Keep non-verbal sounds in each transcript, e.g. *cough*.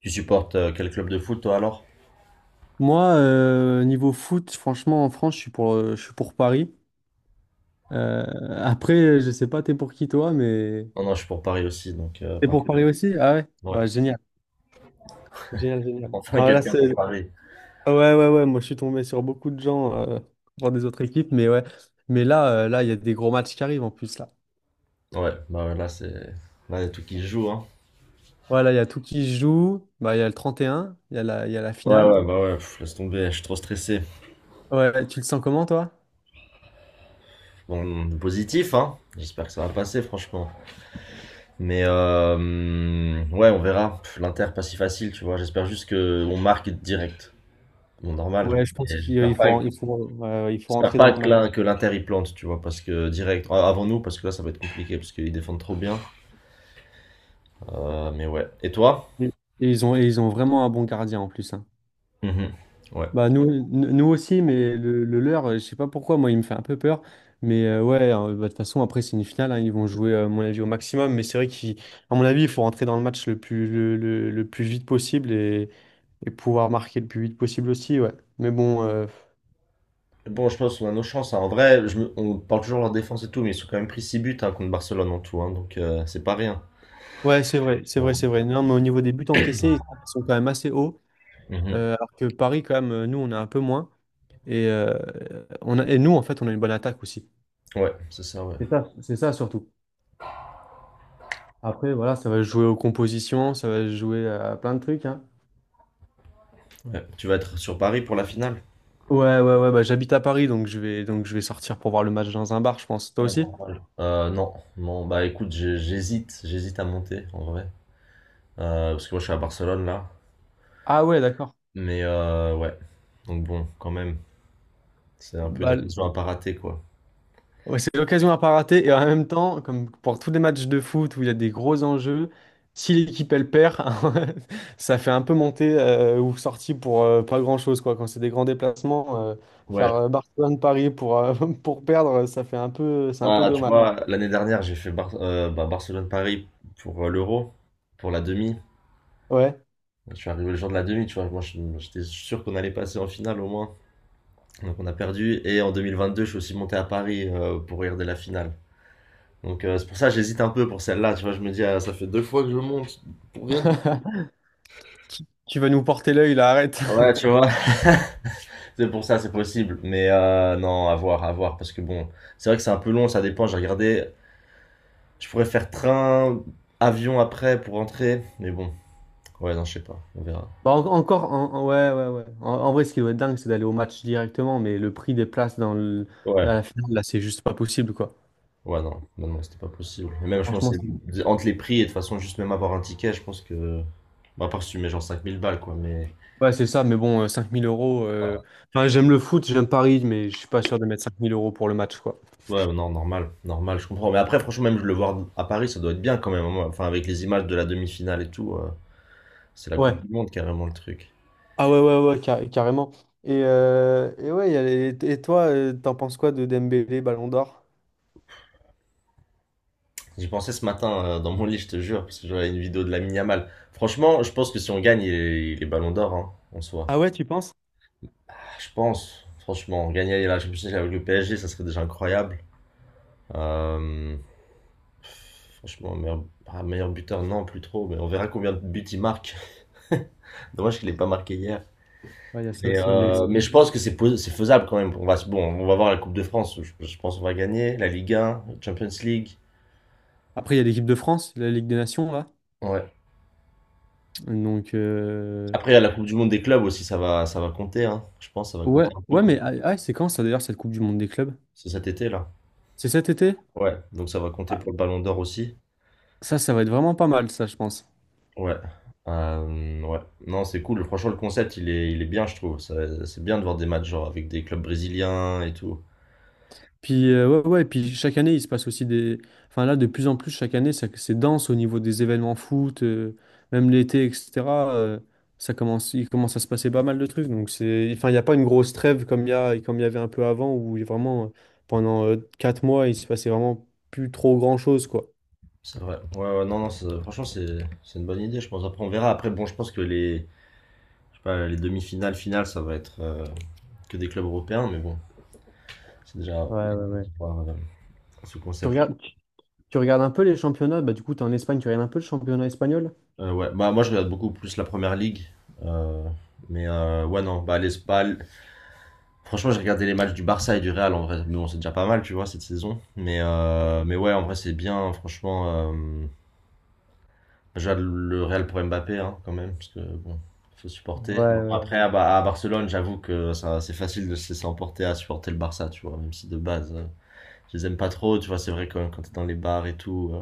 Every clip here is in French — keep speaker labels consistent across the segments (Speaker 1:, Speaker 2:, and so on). Speaker 1: Tu supportes quel club de foot toi alors?
Speaker 2: Moi, niveau foot, franchement, en France, je suis pour Paris. Euh, après, je sais pas, t'es pour qui toi, mais
Speaker 1: Non, non, je suis pour Paris aussi, donc
Speaker 2: t'es pour
Speaker 1: parfait.
Speaker 2: Paris aussi? Ah, ouais?
Speaker 1: Ouais.
Speaker 2: Ouais, génial, génial, génial.
Speaker 1: Enfin
Speaker 2: Ah, là.
Speaker 1: quelqu'un pour
Speaker 2: c'est...
Speaker 1: Paris.
Speaker 2: ah ouais, ouais, ouais. Moi, je suis tombé sur beaucoup de gens, pour des autres équipes, mais ouais. Mais là, il y a des gros matchs qui arrivent en plus là.
Speaker 1: Ouais, bah ouais, là c'est. Là, il y a tout qui se joue, hein.
Speaker 2: Voilà, il y a tout qui se joue. Bah, il y a le 31, il y a la
Speaker 1: Ouais,
Speaker 2: finale.
Speaker 1: ouais, bah ouais, pff, laisse tomber, je suis trop stressé.
Speaker 2: Ouais, ouais, tu le sens comment toi?
Speaker 1: Bon, du positif, hein. J'espère que ça va passer, franchement. Mais ouais, on verra. Pff, L'Inter, pas si facile, tu vois. J'espère juste que on marque direct. Bon, normal.
Speaker 2: Ouais, je pense
Speaker 1: Mais
Speaker 2: qu'il il faut, il faut, il faut
Speaker 1: J'espère
Speaker 2: rentrer
Speaker 1: pas
Speaker 2: dans le
Speaker 1: que
Speaker 2: match.
Speaker 1: que l'Inter y plante, tu vois, parce que direct, ah, avant nous, parce que là, ça va être compliqué, parce qu'ils défendent trop bien. Mais ouais. Et toi?
Speaker 2: Et et ils ont vraiment un bon gardien en plus, hein.
Speaker 1: Mhm. Ouais.
Speaker 2: Bah, nous aussi, mais le leur, je sais pas pourquoi, moi il me fait un peu peur. Mais ouais, hein, bah, de toute façon, après c'est une finale, hein, ils vont jouer, à mon avis, au maximum. Mais c'est vrai qu'à mon avis, il faut rentrer dans le match le plus vite possible, et pouvoir marquer le plus vite possible aussi, ouais. Mais bon,
Speaker 1: Bon, je pense qu'on a nos chances, hein. En vrai, on parle toujours de leur défense et tout, mais ils sont quand même pris 6 buts hein, contre Barcelone en tout, hein, donc c'est pas rien.
Speaker 2: ouais, c'est vrai, c'est
Speaker 1: Euh,
Speaker 2: vrai, c'est vrai. Non, mais au niveau des buts encaissés, ils sont quand même assez hauts.
Speaker 1: Mhm.
Speaker 2: Alors que Paris, quand même, nous, on a un peu moins. Et, euh, et nous, en fait, on a une bonne attaque aussi.
Speaker 1: Ouais, c'est ça, ouais.
Speaker 2: C'est ça surtout. Après, voilà, ça va se jouer aux compositions, ça va se jouer à plein de trucs, hein.
Speaker 1: Ouais. Tu vas être sur Paris pour la finale?
Speaker 2: Ouais, ouais, ouais, bah, j'habite à Paris, donc je vais sortir pour voir le match dans un bar, je pense. Toi
Speaker 1: Ouais,
Speaker 2: aussi?
Speaker 1: normal. Non, non, bah écoute, j'hésite à monter en vrai. Parce que moi je suis à Barcelone là,
Speaker 2: Ah, ouais, d'accord.
Speaker 1: mais ouais, donc bon, quand même, c'est un peu une
Speaker 2: Bah, l-
Speaker 1: occasion à pas rater quoi.
Speaker 2: ouais, c'est l'occasion à pas rater, et en même temps, comme pour tous les matchs de foot où il y a des gros enjeux, si l'équipe elle perd, *laughs* ça fait un peu monter, ou sortie pour, pas grand-chose, quoi. Quand c'est des grands déplacements, faire,
Speaker 1: Ouais,
Speaker 2: Barcelone-Paris pour, *laughs* pour perdre, ça fait un peu, c'est un peu
Speaker 1: bah tu
Speaker 2: dommage.
Speaker 1: vois, l'année dernière j'ai fait bah, Barcelone-Paris pour l'Euro, pour la demi.
Speaker 2: Ouais.
Speaker 1: Je suis arrivé le jour de la demi, tu vois. Moi, j'étais sûr qu'on allait passer en finale au moins. Donc, on a perdu. Et en 2022, je suis aussi monté à Paris pour regarder la finale. Donc, c'est pour ça que j'hésite un peu pour celle-là. Tu vois, je me dis, ah, ça fait deux fois que je monte pour rien du tout.
Speaker 2: Tu vas nous porter l'œil là, arrête.
Speaker 1: Ouais, tu vois. *laughs* C'est pour ça, c'est possible. Mais non, à voir, à voir. Parce que bon, c'est vrai que c'est un peu long, ça dépend. J'ai regardé, je pourrais faire train, avion après pour rentrer. Mais bon, ouais, non, je sais pas. On verra.
Speaker 2: Encore, ouais, ouais, ouais. En vrai, ce qui doit être dingue, c'est d'aller au match directement, mais le prix des places à
Speaker 1: Ouais.
Speaker 2: la finale, là, c'est juste pas possible, quoi.
Speaker 1: Ouais, non, non, non, c'était pas possible. Et même, je pense,
Speaker 2: Franchement,
Speaker 1: entre les prix et de toute façon, juste même avoir un ticket, je pense que. Bah, à part si tu mets genre 5000 balles, quoi, mais.
Speaker 2: ouais, c'est ça, mais bon, 5000 euros. Enfin, j'aime le foot, j'aime Paris, mais je suis pas sûr de mettre 5 000 € pour le match, quoi.
Speaker 1: Ouais, non, normal, normal, je comprends. Mais après, franchement, même je le voir à Paris, ça doit être bien quand même, moi. Enfin, avec les images de la demi-finale et tout, c'est la Coupe
Speaker 2: Ouais.
Speaker 1: du Monde carrément le truc.
Speaker 2: Ah, ouais, ouais, ouais, carrément. Et ouais, il y a les- et toi, t'en penses quoi de Dembélé, Ballon d'Or?
Speaker 1: J'y pensais ce matin dans mon lit, je te jure, parce que j'avais une vidéo de la Yamal. Franchement, je pense que si on gagne, il est Ballon d'Or, hein, en soi.
Speaker 2: Ah, ouais, tu penses?
Speaker 1: Ah, je pense, franchement, gagner la Champions League avec le PSG, ça serait déjà incroyable. Euh, Franchement, meilleur buteur, non, plus trop, mais on verra combien de buts il marque. *laughs* Dommage qu'il n'ait pas marqué hier.
Speaker 2: Ouais, il y a ça
Speaker 1: Mais,
Speaker 2: aussi, mais
Speaker 1: euh, mais je pense que c'est faisable quand même. Bon, on va voir la Coupe de France, je pense qu'on va gagner. La Ligue 1, Champions League.
Speaker 2: après, il y a l'équipe de France, la Ligue des Nations, là.
Speaker 1: Ouais.
Speaker 2: Donc.
Speaker 1: Après, il y a la Coupe du Monde des clubs aussi, ça va compter, hein. Je pense que ça va
Speaker 2: Ouais,
Speaker 1: compter un peu
Speaker 2: ouais,
Speaker 1: quand
Speaker 2: mais
Speaker 1: même.
Speaker 2: ah, ah, c'est quand ça d'ailleurs cette Coupe du Monde des clubs?
Speaker 1: C'est cet été là.
Speaker 2: C'est cet été?
Speaker 1: Ouais, donc ça va compter
Speaker 2: Ah,
Speaker 1: pour le Ballon d'Or aussi.
Speaker 2: ça va être vraiment pas mal, ça, je pense.
Speaker 1: Ouais. Ouais. Non, c'est cool. Franchement, le concept, il est bien, je trouve. C'est bien de voir des matchs genre avec des clubs brésiliens et tout.
Speaker 2: Puis ouais, ouais, et puis chaque année, il se passe aussi des. Enfin là, de plus en plus, chaque année, c'est dense au niveau des événements foot, même l'été, etc. euh, il commence à se passer pas mal de trucs. Donc, enfin, il n'y a pas une grosse trêve comme il y avait un peu avant, où vraiment, pendant, 4 mois, il se passait vraiment plus trop grand-chose, quoi.
Speaker 1: C'est vrai. Ouais, ouais, non, non, franchement, c'est une bonne idée, je pense. Après, on verra. Après, bon, je pense que les, je sais pas, les demi-finales, finales, ça va être que des clubs européens, mais bon, c'est déjà
Speaker 2: Ouais, ouais, ouais.
Speaker 1: voir, ce
Speaker 2: Tu
Speaker 1: concept.
Speaker 2: regardes, tu regardes un peu les championnats, bah du coup, t'es en Espagne, tu regardes un peu le championnat espagnol?
Speaker 1: Ouais, bah, moi, je regarde beaucoup plus la première ligue. euh, mais ouais, non, bah, franchement, j'ai regardé les matchs du Barça et du Real en vrai. Mais bon, c'est déjà pas mal, tu vois, cette saison. Mais ouais, en vrai, c'est bien, franchement. Déjà, le Real pour Mbappé, hein, quand même, parce que bon, faut
Speaker 2: Ouais,
Speaker 1: supporter. Mais bon,
Speaker 2: ouais,
Speaker 1: après, à Barcelone, j'avoue que ça, c'est facile de se laisser emporter à supporter le Barça, tu vois, même si de base, je les aime pas trop, tu vois, c'est vrai quand t'es dans les bars et tout.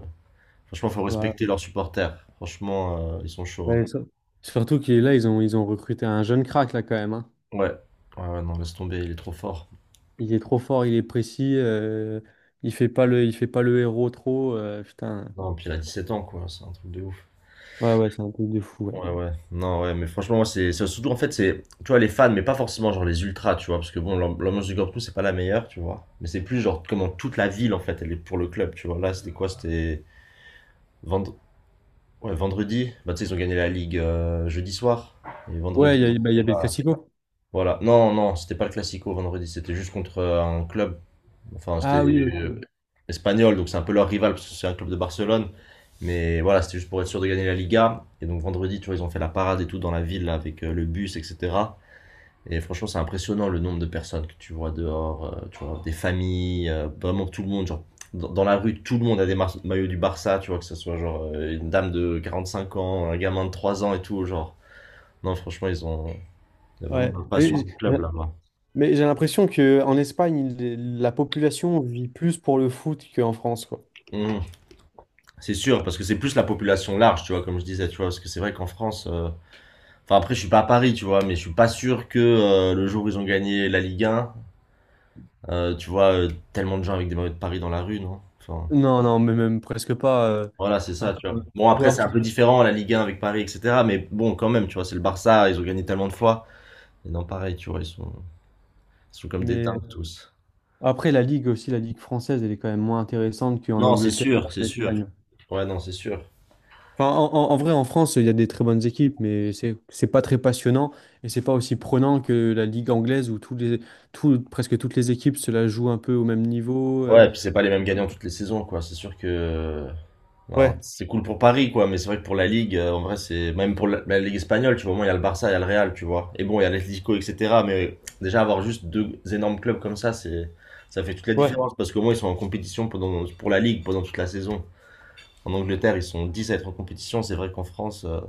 Speaker 1: Franchement, faut
Speaker 2: ouais.
Speaker 1: respecter leurs supporters. Franchement, ils sont chauds, hein.
Speaker 2: Ouais. Surtout qu'il est là, ils ont recruté un jeune crack là quand même, hein.
Speaker 1: Ouais. Ouais, ouais, non, laisse tomber, il est trop fort.
Speaker 2: Il est trop fort, il est précis. Il fait pas le héros trop. Putain.
Speaker 1: Non, puis il a 17 ans, quoi, c'est un truc de ouf.
Speaker 2: Ouais, ouais, c'est un truc de fou. Ouais,
Speaker 1: Ouais, ouais, non, ouais, mais franchement, moi, c'est surtout en fait, c'est, tu vois, les fans, mais pas forcément genre les ultras, tu vois, parce que bon, l'ambiance du Camp Nou, c'est pas la meilleure, tu vois, mais c'est plus genre comment toute la ville, en fait, elle est pour le club, tu vois. Là, c'était quoi? Vendre... ouais, vendredi, bah, tu sais, ils ont gagné la Ligue jeudi soir, et
Speaker 2: ouais,
Speaker 1: vendredi,
Speaker 2: il
Speaker 1: ils
Speaker 2: y,
Speaker 1: ont
Speaker 2: a- bah, il y
Speaker 1: fait
Speaker 2: avait le Classico.
Speaker 1: voilà, non, non, c'était pas le Classico vendredi, c'était juste contre un club. Enfin, c'était
Speaker 2: Ah oui,
Speaker 1: euh,
Speaker 2: ok.
Speaker 1: espagnol, donc c'est un peu leur rival parce que c'est un club de Barcelone. Mais voilà, c'était juste pour être sûr de gagner la Liga. Et donc vendredi, tu vois, ils ont fait la parade et tout dans la ville là, avec le bus, etc. Et franchement, c'est impressionnant le nombre de personnes que tu vois dehors, tu vois, des familles, vraiment tout le monde. Genre, dans la rue, tout le monde a des maillots du Barça, tu vois, que ce soit genre une dame de 45 ans, un gamin de 3 ans et tout. Genre, non, franchement, ils ont il y a vraiment
Speaker 2: Ouais.
Speaker 1: la
Speaker 2: Mais
Speaker 1: passion du
Speaker 2: j'ai
Speaker 1: club là-bas.
Speaker 2: mais j'ai l'impression que en Espagne, la population vit plus pour le foot qu'en France, quoi.
Speaker 1: Mmh. C'est sûr, parce que c'est plus la population large, tu vois, comme je disais, tu vois, parce que c'est vrai qu'en France, enfin après je suis pas à Paris, tu vois, mais je suis pas sûr que le jour où ils ont gagné la Ligue 1, tu vois, tellement de gens avec des maillots de Paris dans la rue, non? Enfin,
Speaker 2: Non, non, mais même presque pas.
Speaker 1: voilà, c'est ça, tu
Speaker 2: Ouais.
Speaker 1: vois. Bon
Speaker 2: Ou
Speaker 1: après
Speaker 2: alors
Speaker 1: c'est
Speaker 2: tu-
Speaker 1: un peu différent la Ligue 1 avec Paris, etc. Mais bon, quand même, tu vois, c'est le Barça, ils ont gagné tellement de fois. Et non, pareil, tu vois, ils sont comme des
Speaker 2: Mais
Speaker 1: dingues tous.
Speaker 2: après, la Ligue aussi, la Ligue française, elle est quand même moins intéressante qu'en
Speaker 1: Non, c'est
Speaker 2: Angleterre ou
Speaker 1: sûr, c'est
Speaker 2: en
Speaker 1: sûr.
Speaker 2: Espagne.
Speaker 1: Ouais, non, c'est sûr.
Speaker 2: Enfin, en vrai, en France, il y a des très bonnes équipes, mais c'est pas très passionnant et c'est pas aussi prenant que la ligue anglaise où presque toutes les équipes se la jouent un peu au même niveau.
Speaker 1: Ouais, et puis c'est pas les mêmes gagnants toutes les saisons, quoi. C'est sûr que ben,
Speaker 2: Ouais,
Speaker 1: c'est cool pour Paris, quoi, mais c'est vrai que pour la Ligue, en vrai, c'est même pour la, Ligue espagnole, tu vois, au moins il y a le Barça, il y a le Real, tu vois. Et bon, il y a l'Atlético, etc. Mais déjà, avoir juste deux énormes clubs comme ça, c'est ça fait toute la
Speaker 2: ouais.
Speaker 1: différence parce qu'au moins ils sont en compétition pendant, pour la Ligue pendant toute la saison. En Angleterre, ils sont 10 à être en compétition. C'est vrai qu'en France,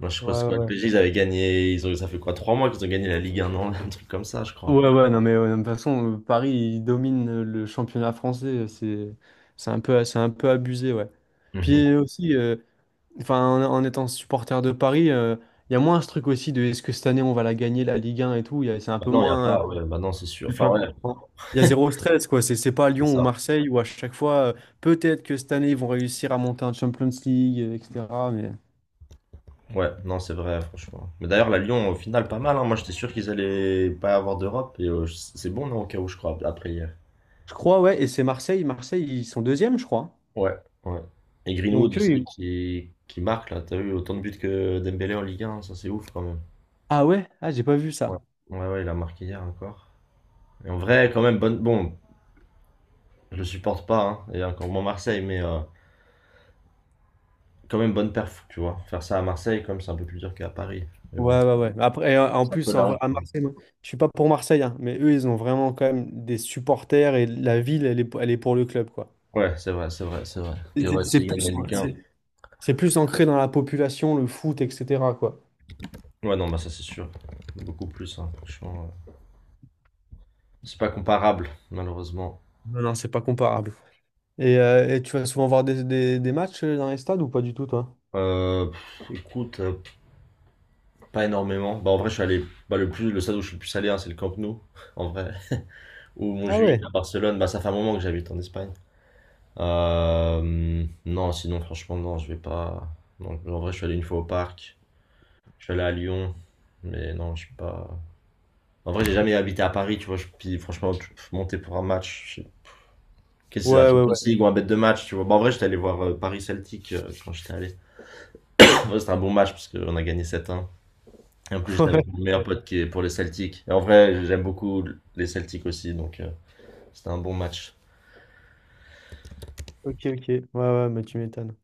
Speaker 1: ben, je crois que c'est
Speaker 2: Ouais, ouais,
Speaker 1: quoi, le
Speaker 2: ouais.
Speaker 1: PSG, ils avaient gagné, ils ont, ça fait quoi, 3 mois qu'ils ont gagné la Ligue un an, *laughs* un truc comme ça, je crois.
Speaker 2: Ouais, ouais, non, mais ouais, de toute façon, Paris, il domine, le championnat français. C'est un peu abusé, ouais.
Speaker 1: Mhm.
Speaker 2: Puis aussi, enfin, en étant supporter de Paris, il y a moins ce truc aussi de est-ce que cette année on va la gagner, la Ligue 1 et tout. C'est un
Speaker 1: Bah
Speaker 2: peu
Speaker 1: non, il n'y a
Speaker 2: moins.
Speaker 1: pas, ouais, bah non, c'est sûr. Enfin,
Speaker 2: Enfin,
Speaker 1: ouais,
Speaker 2: il y a zéro stress, quoi. C'est pas
Speaker 1: c'est
Speaker 2: Lyon ou
Speaker 1: ça.
Speaker 2: Marseille où à chaque fois, peut-être que cette année, ils vont réussir à monter un Champions League, etc. Mais
Speaker 1: Ouais, non, c'est vrai, franchement. Mais d'ailleurs, la Lyon, au final, pas mal, hein. Moi, j'étais sûr qu'ils allaient pas avoir d'Europe. Et c'est bon, non, au cas où, je crois, après hier.
Speaker 2: je crois, ouais. Et c'est Marseille. Marseille, ils sont deuxième, je crois.
Speaker 1: Ouais, ouais. Et Greenwood
Speaker 2: Donc, eux.
Speaker 1: aussi qui marque, là. T'as eu autant de buts que Dembélé en Ligue 1. Ça, c'est ouf, quand même.
Speaker 2: Ah, ouais? Ah, j'ai pas vu
Speaker 1: Ouais.
Speaker 2: ça.
Speaker 1: Ouais, ouais, il a marqué hier encore. Et en vrai, quand même, bonne. Bon, je le supporte pas, hein, et encore moins Marseille, mais quand même bonne perf, tu vois. Faire ça à Marseille, quand même, c'est un peu plus dur qu'à Paris. Mais bon,
Speaker 2: Ouais, ouais, ouais. Après, en
Speaker 1: c'est un peu
Speaker 2: plus, en
Speaker 1: la
Speaker 2: vrai,
Speaker 1: honte,
Speaker 2: à
Speaker 1: quoi.
Speaker 2: Marseille, moi, je suis pas pour Marseille, hein, mais eux, ils ont vraiment quand même des supporters et la ville, elle est pour le club, quoi.
Speaker 1: Ouais, c'est vrai, c'est vrai, c'est vrai. Que
Speaker 2: Et C'est
Speaker 1: ouais,
Speaker 2: c'est
Speaker 1: s'il gagne la
Speaker 2: plus,
Speaker 1: Ligue.
Speaker 2: c'est c'est plus ancré dans la population, le foot, etc., quoi.
Speaker 1: Ouais, non, bah ça c'est sûr. Beaucoup plus, hein, franchement. C'est pas comparable, malheureusement.
Speaker 2: Non, non, c'est pas comparable. Et tu vas souvent voir des matchs, dans les stades ou pas du tout, toi?
Speaker 1: Pff, écoute, pas énormément. Bah, en vrai, je suis allé. Bah, le stade où je suis le plus allé, hein, c'est le Camp Nou, *laughs* en vrai. Ou
Speaker 2: Ah,
Speaker 1: Montjuïc
Speaker 2: ouais.
Speaker 1: à Barcelone. Bah, ça fait un moment que j'habite en Espagne. Non, sinon, franchement, non, je vais pas. Non, en vrai, je suis allé une fois au parc. Je suis allé à Lyon. Mais non, je suis pas. En vrai, j'ai jamais habité à Paris, tu vois. Je... Puis, franchement, monter pour un match. Qu'est-ce que c'est la
Speaker 2: Ouais, ouais,
Speaker 1: Champions
Speaker 2: ouais.
Speaker 1: League ou un bête de match, tu vois. Bon, en vrai, j'étais allé voir Paris Celtic quand j'étais allé. Ouais, c'était un bon match parce qu'on a gagné sept. 1. Et en plus,
Speaker 2: *laughs* Ouais,
Speaker 1: j'étais avec mon meilleur
Speaker 2: ouais.
Speaker 1: pote qui est pour les Celtics. Et en vrai, j'aime beaucoup les Celtics aussi, donc c'était un bon match.
Speaker 2: Ok, ok. Ouais, ouais, mais tu m'étonnes.